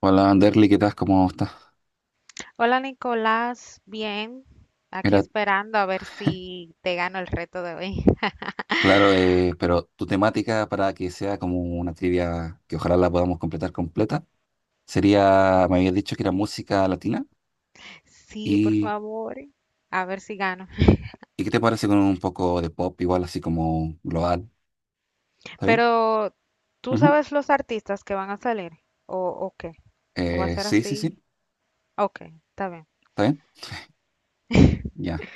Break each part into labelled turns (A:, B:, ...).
A: Hola, Anderly, ¿qué tal? ¿Cómo estás?
B: Hola Nicolás, bien, aquí
A: Mira,
B: esperando a ver si te gano el reto de hoy.
A: claro, pero tu temática para que sea como una trivia que ojalá la podamos completar completa sería, me habías dicho que era música latina
B: Sí, por
A: y,
B: favor, a ver si gano.
A: ¿y qué te parece con un poco de pop igual así como global? ¿Está bien?
B: Pero, ¿tú
A: Ujú.
B: sabes los artistas que van a salir? ¿O qué? ¿O va a ser
A: Sí, sí, sí,
B: así? Ok, está bien.
A: ¿está bien? Ya.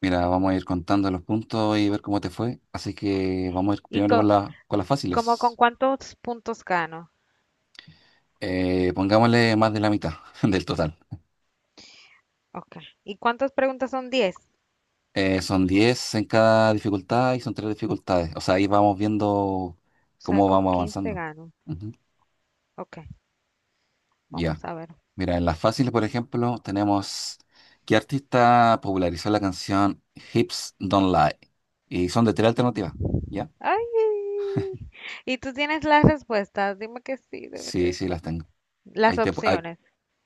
A: Mira, vamos a ir contando los puntos y ver cómo te fue. Así que vamos a ir
B: ¿Y
A: primero con la, con las
B: como con
A: fáciles.
B: cuántos puntos gano?
A: Pongámosle más de la mitad del total.
B: Ok. ¿Y cuántas preguntas son 10?
A: Son 10 en cada dificultad y son tres dificultades. O sea, ahí vamos viendo
B: O sea,
A: cómo
B: con
A: vamos
B: 15
A: avanzando.
B: gano.
A: Ujú.
B: Ok,
A: Ya.
B: vamos a ver.
A: Mira, en las fáciles, por ejemplo, tenemos ¿qué artista popularizó la canción Hips Don't Lie? Y son de tres alternativas. ¿Ya?
B: ¡Ay! ¿Y tú tienes las respuestas? Dime que sí, dime
A: Sí,
B: que
A: sí,
B: sí.
A: las tengo.
B: Las
A: Ahí te, pu- ahí-
B: opciones.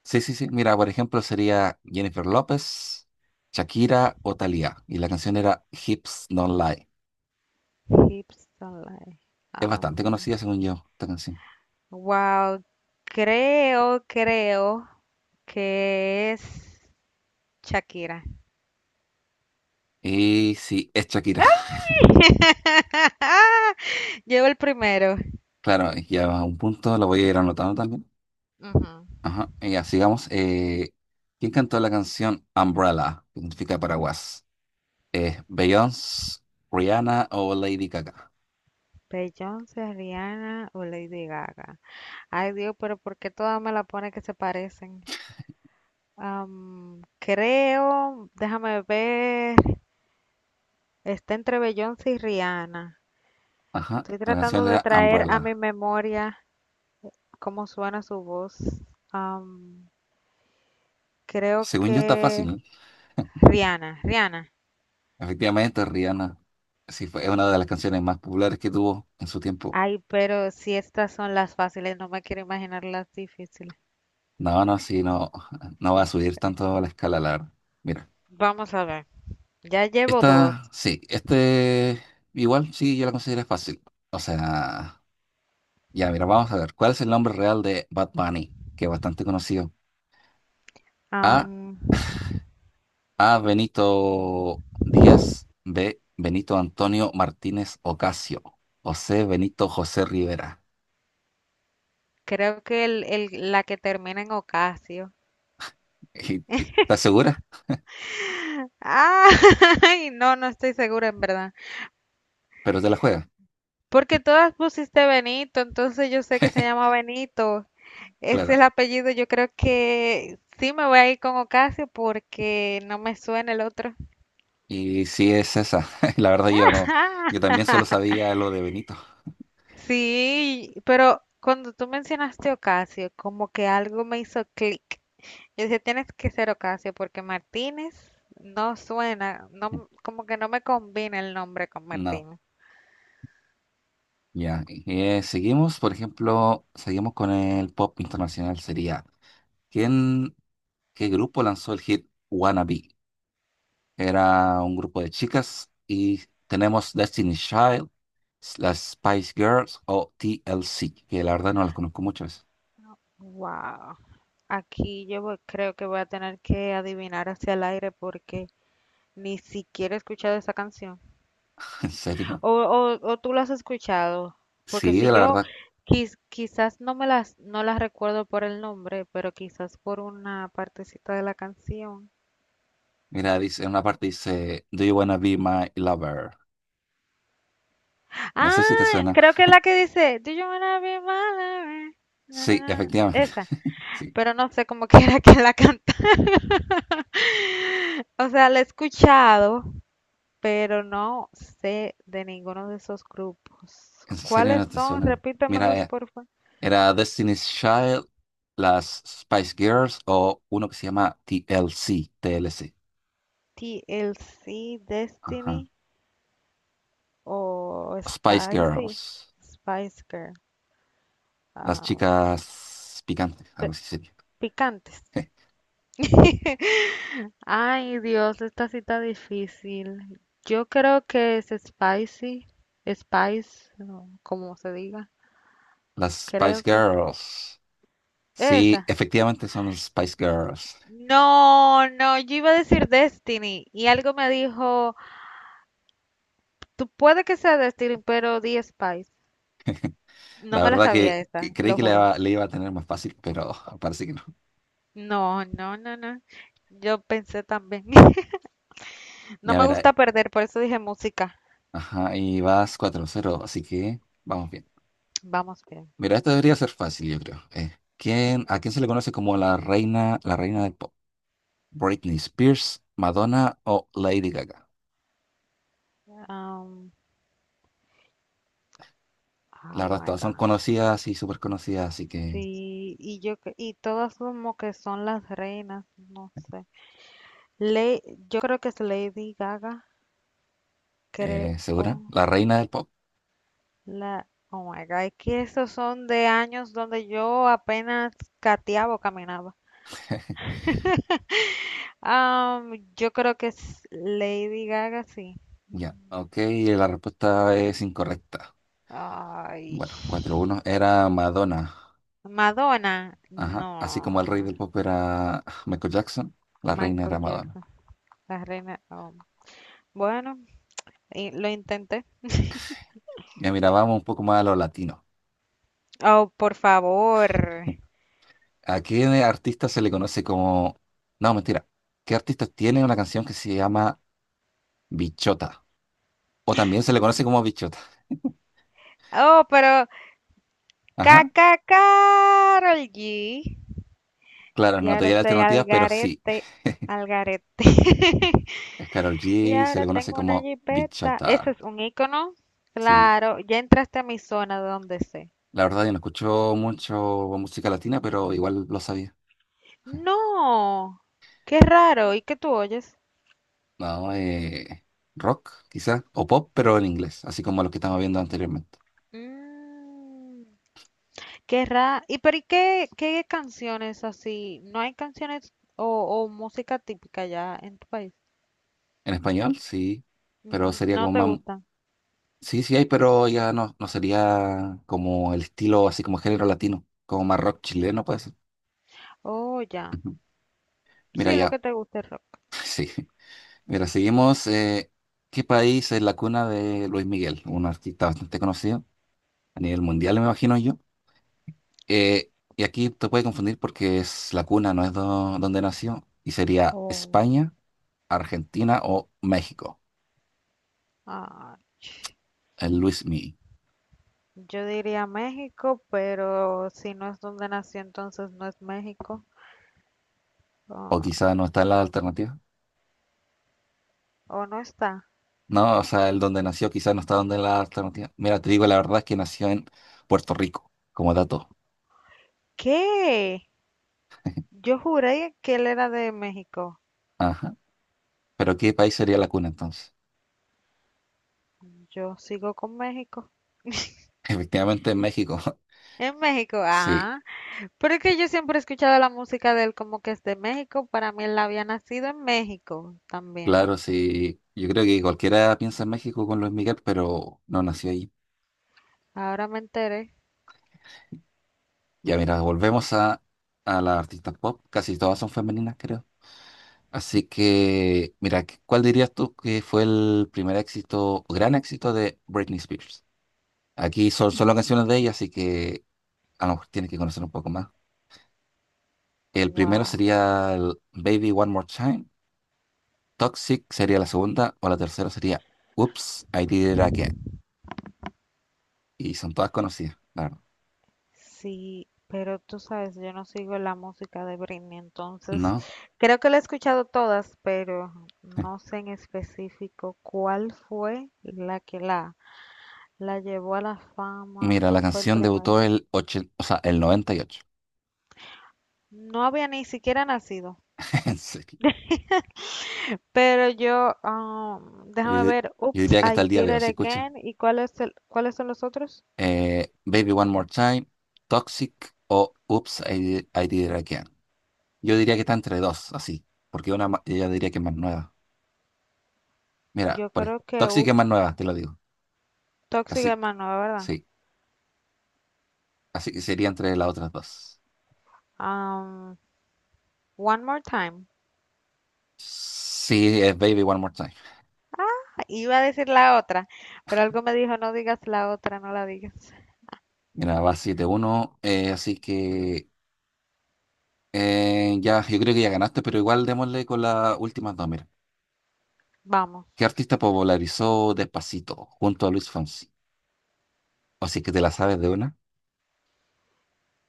A: sí, sí, sí. Mira, por ejemplo, sería Jennifer López, Shakira o Thalía. Y la canción era Hips Don't Lie.
B: Hips Don't Lie.
A: Es bastante
B: Am,
A: conocida, según yo, esta canción.
B: wow, creo que es Shakira.
A: Y sí, es Shakira.
B: Llevo el primero.
A: Claro, ya a un punto lo voy a ir anotando también.
B: Ujú.
A: Ajá, y ya sigamos. ¿Quién cantó la canción Umbrella, que significa paraguas? ¿Beyoncé, Rihanna o Lady Gaga?
B: Beyoncé, Rihanna o Lady Gaga. Ay Dios, pero ¿por qué todas me la pone que se parecen? Creo, déjame ver, está entre Beyoncé y Rihanna.
A: Ajá,
B: Estoy
A: la canción
B: tratando de
A: era
B: traer a mi
A: Umbrella.
B: memoria cómo suena su voz. Am, Creo
A: Según yo está
B: que
A: fácil, ¿eh?
B: Rihanna, Rihanna.
A: Efectivamente, Rihanna. Sí, fue una de las canciones más populares que tuvo en su tiempo.
B: Ay, pero si estas son las fáciles, no me quiero imaginar las difíciles.
A: No, no, sí, no, no va a subir tanto la escala, la verdad. Mira,
B: Vamos a ver. Ya llevo dos.
A: esta, sí, este, igual sí, yo la considero fácil. O sea... Ya, mira, vamos a ver. ¿Cuál es el nombre real de Bad Bunny? Que es bastante conocido. A.
B: Am,
A: A. Benito Díaz. B. Benito Antonio Martínez Ocasio. O C. Benito José Rivera.
B: creo que la que termina en Ocasio.
A: ¿Y, estás segura?
B: Ah, Ay, no, no estoy segura en verdad.
A: Pero te la juega.
B: Porque todas pusiste Benito, entonces yo sé que se llama Benito. Ese es
A: Claro.
B: el apellido. Yo creo que sí me voy a ir con Ocasio porque no me suena el otro.
A: Y sí es esa. La verdad yo no. Yo también solo sabía lo de Benito.
B: Sí, pero cuando tú mencionaste Ocasio, como que algo me hizo clic. Yo dije, tienes que ser Ocasio porque Martínez no suena, no, como que no me combina el nombre con
A: No.
B: Martínez.
A: Ya. Seguimos, por ejemplo, seguimos con el pop internacional. Sería, ¿quién, qué grupo lanzó el hit Wannabe? Era un grupo de chicas y tenemos Destiny Child, las Spice Girls o TLC, que la verdad no las conozco muchas.
B: Wow. Creo que voy a tener que adivinar hacia el aire porque ni siquiera he escuchado esa canción.
A: ¿En serio?
B: O tú la has escuchado, porque
A: Sí,
B: si
A: la
B: yo
A: verdad.
B: quizás no las recuerdo por el nombre, pero quizás por una partecita de la canción.
A: Mira, dice, en una parte dice, Do you wanna be my lover? No sé si te
B: Ah,
A: suena.
B: creo que es la que dice, Do you wanna be my lover? Na, na,
A: Sí,
B: na.
A: efectivamente.
B: Esa,
A: Sí,
B: pero no sé cómo que era que la canta. O sea, la he escuchado, pero no sé de ninguno de esos grupos.
A: en serio
B: ¿Cuáles
A: no te
B: son?
A: suenan. Mira,
B: Repítemelos, por favor.
A: era Destiny's Child, las Spice Girls o uno que se llama TLC, TLC.
B: TLC,
A: Ajá.
B: Destiny o
A: Spice
B: Spicy,
A: Girls,
B: Spice Girl.
A: las
B: Ah,
A: chicas picantes, algo
B: pe-
A: así.
B: picantes. Ay, Dios, esta cita difícil. Yo creo que es Spicy, Spice, no, como se diga.
A: Las Spice
B: Creo que
A: Girls. Sí,
B: esa.
A: efectivamente son los Spice Girls.
B: No, no, yo iba a decir Destiny y algo me dijo, tú puede que sea Destiny, pero di Spice. No
A: La
B: me la
A: verdad
B: sabía
A: que
B: esa,
A: creí
B: lo
A: que
B: juro.
A: le iba a tener más fácil, pero parece que no.
B: No, no, no, no. Yo pensé también. No
A: Ya,
B: me
A: mira,
B: gusta perder, por eso dije música.
A: ajá, y vas 4-0, así que vamos bien.
B: Vamos bien.
A: Mira, esto debería ser fácil, yo creo. ¿Quién, a quién se le conoce como la reina del pop? ¿Britney Spears, Madonna o Lady Gaga?
B: Um,
A: La
B: oh
A: verdad,
B: my
A: todas son
B: God.
A: conocidas y súper conocidas, así que,
B: Sí, y y todas como que son las reinas, no sé. Le, yo creo que es Lady Gaga, creo
A: ¿segura? La reina del pop.
B: la Oh my God, es que esos son de años donde yo apenas gateaba o caminaba. Yo creo que es Lady Gaga, sí.
A: Ya, ok, la respuesta es incorrecta.
B: Ay.
A: Bueno, 4-1 era Madonna.
B: Madonna,
A: Ajá. Así como el rey
B: no.
A: del pop era Michael Jackson, la reina era
B: Michael
A: Madonna.
B: Jackson, la reina. Oh, bueno, y lo intenté.
A: Ya mira, vamos un poco más a lo latino.
B: Oh, por favor.
A: ¿A qué artista se le conoce como... No, mentira. ¿Qué artista tiene una canción que se llama Bichota? O también se le conoce como Bichota.
B: Oh, pero
A: Ajá.
B: Caca Carol G.
A: Claro,
B: Y
A: no te
B: ahora
A: di
B: estoy al
A: alternativas, pero sí.
B: garete, al garete.
A: Es Karol
B: Y
A: G, se
B: ahora
A: le conoce
B: tengo una
A: como
B: jipeta. Eso
A: Bichota.
B: es un icono.
A: Sí.
B: Claro, ya entraste a mi zona de donde sé.
A: La verdad, yo no escucho mucho música latina, pero igual lo sabía.
B: No, qué raro. ¿Y qué tú oyes?
A: No, rock, quizás, o pop, pero en inglés, así como los que estamos viendo anteriormente.
B: Mm, qué raro. ¿Y pero qué canciones así? ¿No hay canciones o música típica ya en tu país?
A: En español, sí, pero
B: Ujú,
A: sería
B: no
A: como
B: te
A: más...
B: gustan.
A: Sí, sí hay, pero ya no, no sería como el estilo, así como género latino, como más rock chileno puede ser.
B: Oh, ya.
A: Ujú. Mira,
B: Sí, lo
A: ya,
B: que te gusta es rock.
A: sí. Mira, seguimos. ¿Qué país es la cuna de Luis Miguel? Un artista bastante conocido a nivel mundial, me imagino yo. Y aquí te puede confundir porque es la cuna, no es donde nació, y sería
B: Oh.
A: España, Argentina o México,
B: Ah,
A: el Luis Miguel.
B: yo diría México, pero si no es donde nació, entonces no es México.
A: O quizá
B: Ah,
A: no está en la alternativa.
B: o no está.
A: No, o sea, el donde nació quizá no está donde en la alternativa. Mira, te digo la verdad es que nació en Puerto Rico, como dato.
B: ¿Qué? Yo juré que él era de México.
A: Ajá. Pero ¿qué país sería la cuna entonces?
B: Yo sigo con México.
A: Efectivamente en México.
B: En México,
A: Sí,
B: ah. Pero es que yo siempre he escuchado la música de él como que es de México. Para mí él había nacido en México también.
A: claro, sí. Yo creo que cualquiera piensa en México con Luis Miguel, pero no nació ahí.
B: Ahora me enteré.
A: Ya mira, volvemos a las artistas pop. Casi todas son femeninas, creo. Así que, mira, ¿cuál dirías tú que fue el primer éxito, o gran éxito de Britney Spears? Aquí son solo canciones de ella, así que a lo mejor tienes que conocer un poco más. El primero
B: Wow.
A: sería el Baby One More Time, Toxic sería la segunda, o la tercera sería Oops, I Did It Again. Y son todas conocidas, la verdad.
B: Sí, pero tú sabes, yo no sigo la música de Britney, entonces
A: ¿No?
B: creo que la he escuchado todas, pero no sé en específico cuál fue la llevó a la fama
A: Mira, la
B: o fue el
A: canción
B: primero.
A: debutó o sea, el 98.
B: No había ni siquiera nacido,
A: En serio.
B: pero yo, ah,
A: Yo,
B: déjame
A: di-
B: ver,
A: yo
B: Oops,
A: diría que hasta el
B: I
A: día
B: Did
A: de hoy
B: It
A: se escucha.
B: Again, ¿y cuál es cuáles son los otros?
A: Baby One More Time, Toxic o Oops, I Did It Again. Yo diría que está entre dos, así, porque yo diría que es más nueva. Mira,
B: Yo creo que
A: Toxic es
B: Oops,
A: más nueva, te lo digo.
B: Toxic
A: Así, que-
B: Hermano, ¿verdad?
A: sí, así que sería entre las otras dos.
B: Um, One More Time.
A: Sí, es Baby One More Time.
B: Iba a decir la otra, pero algo me dijo, no digas la otra, no la digas.
A: Mira, va 7-1, así que ya, yo creo que ya ganaste, pero igual démosle con las últimas dos, mira.
B: Vamos,
A: ¿Qué artista popularizó Despacito junto a Luis Fonsi? O si es que te la sabes de una,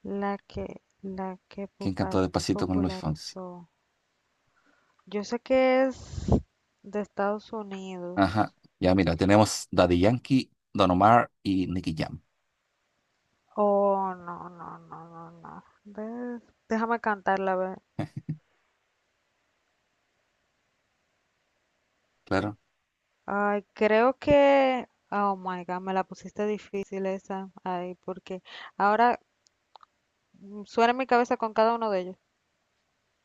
B: la que
A: ¿quién cantó Despacito con Luis Fonsi?
B: popularizó. Yo sé que es de Estados
A: Ajá.
B: Unidos.
A: Ya, mira, tenemos Daddy Yankee, Don Omar y Nicky Jam.
B: Oh, no, no, no, no, no. Déjame cantarla, a ver.
A: Claro.
B: Ay, creo que... Oh my God, me la pusiste difícil esa. Ay, porque ahora suena en mi cabeza con cada uno de ellos.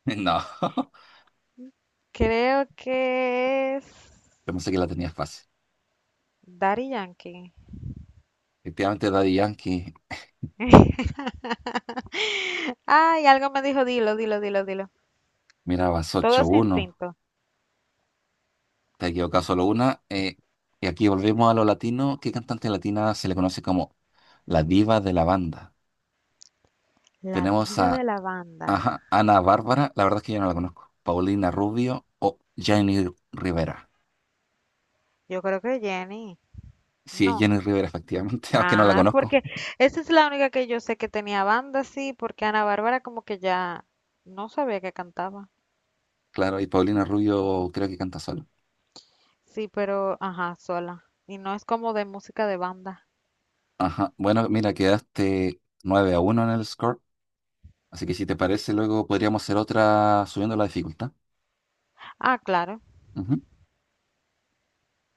A: No,
B: Creo que es
A: yo pensé que la tenía fácil.
B: Daddy Yankee.
A: Efectivamente, Daddy Yankee,
B: Ay, algo me dijo, dilo, dilo, dilo, dilo.
A: mira, vas
B: Todo es
A: 8-1.
B: instinto.
A: Te equivocado solo una. Y aquí volvemos a lo latino. ¿Qué cantante latina se le conoce como la diva de la banda?
B: La
A: Tenemos
B: vida de
A: a
B: la banda.
A: ajá, Ana Bárbara, la verdad es que yo no la conozco. Paulina Rubio o Jenny Rivera.
B: Yo creo que Jenny.
A: Sí, es
B: No.
A: Jenny Rivera, efectivamente, aunque no la
B: Ah,
A: conozco.
B: porque esa es la única que yo sé que tenía banda, sí, porque Ana Bárbara como que ya no sabía que cantaba.
A: Claro, y Paulina Rubio creo que canta sola.
B: Sí, pero, ajá, sola. Y no es como de música de banda.
A: Ajá. Bueno, mira, quedaste 9-1 en el score. Así que si te parece, luego podríamos hacer otra subiendo la dificultad.
B: Ah, claro.
A: Ujú.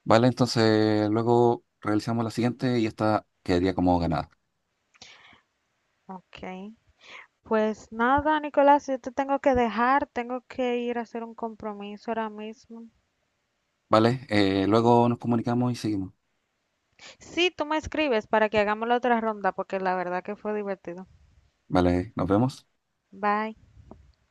A: Vale, entonces luego realizamos la siguiente y esta quedaría como ganada.
B: Ok. Pues nada, Nicolás, yo te tengo que dejar, tengo que ir a hacer un compromiso ahora mismo.
A: Vale, luego nos comunicamos y seguimos.
B: Sí, tú me escribes para que hagamos la otra ronda porque la verdad que fue divertido.
A: Vale, nos vemos.
B: Bye.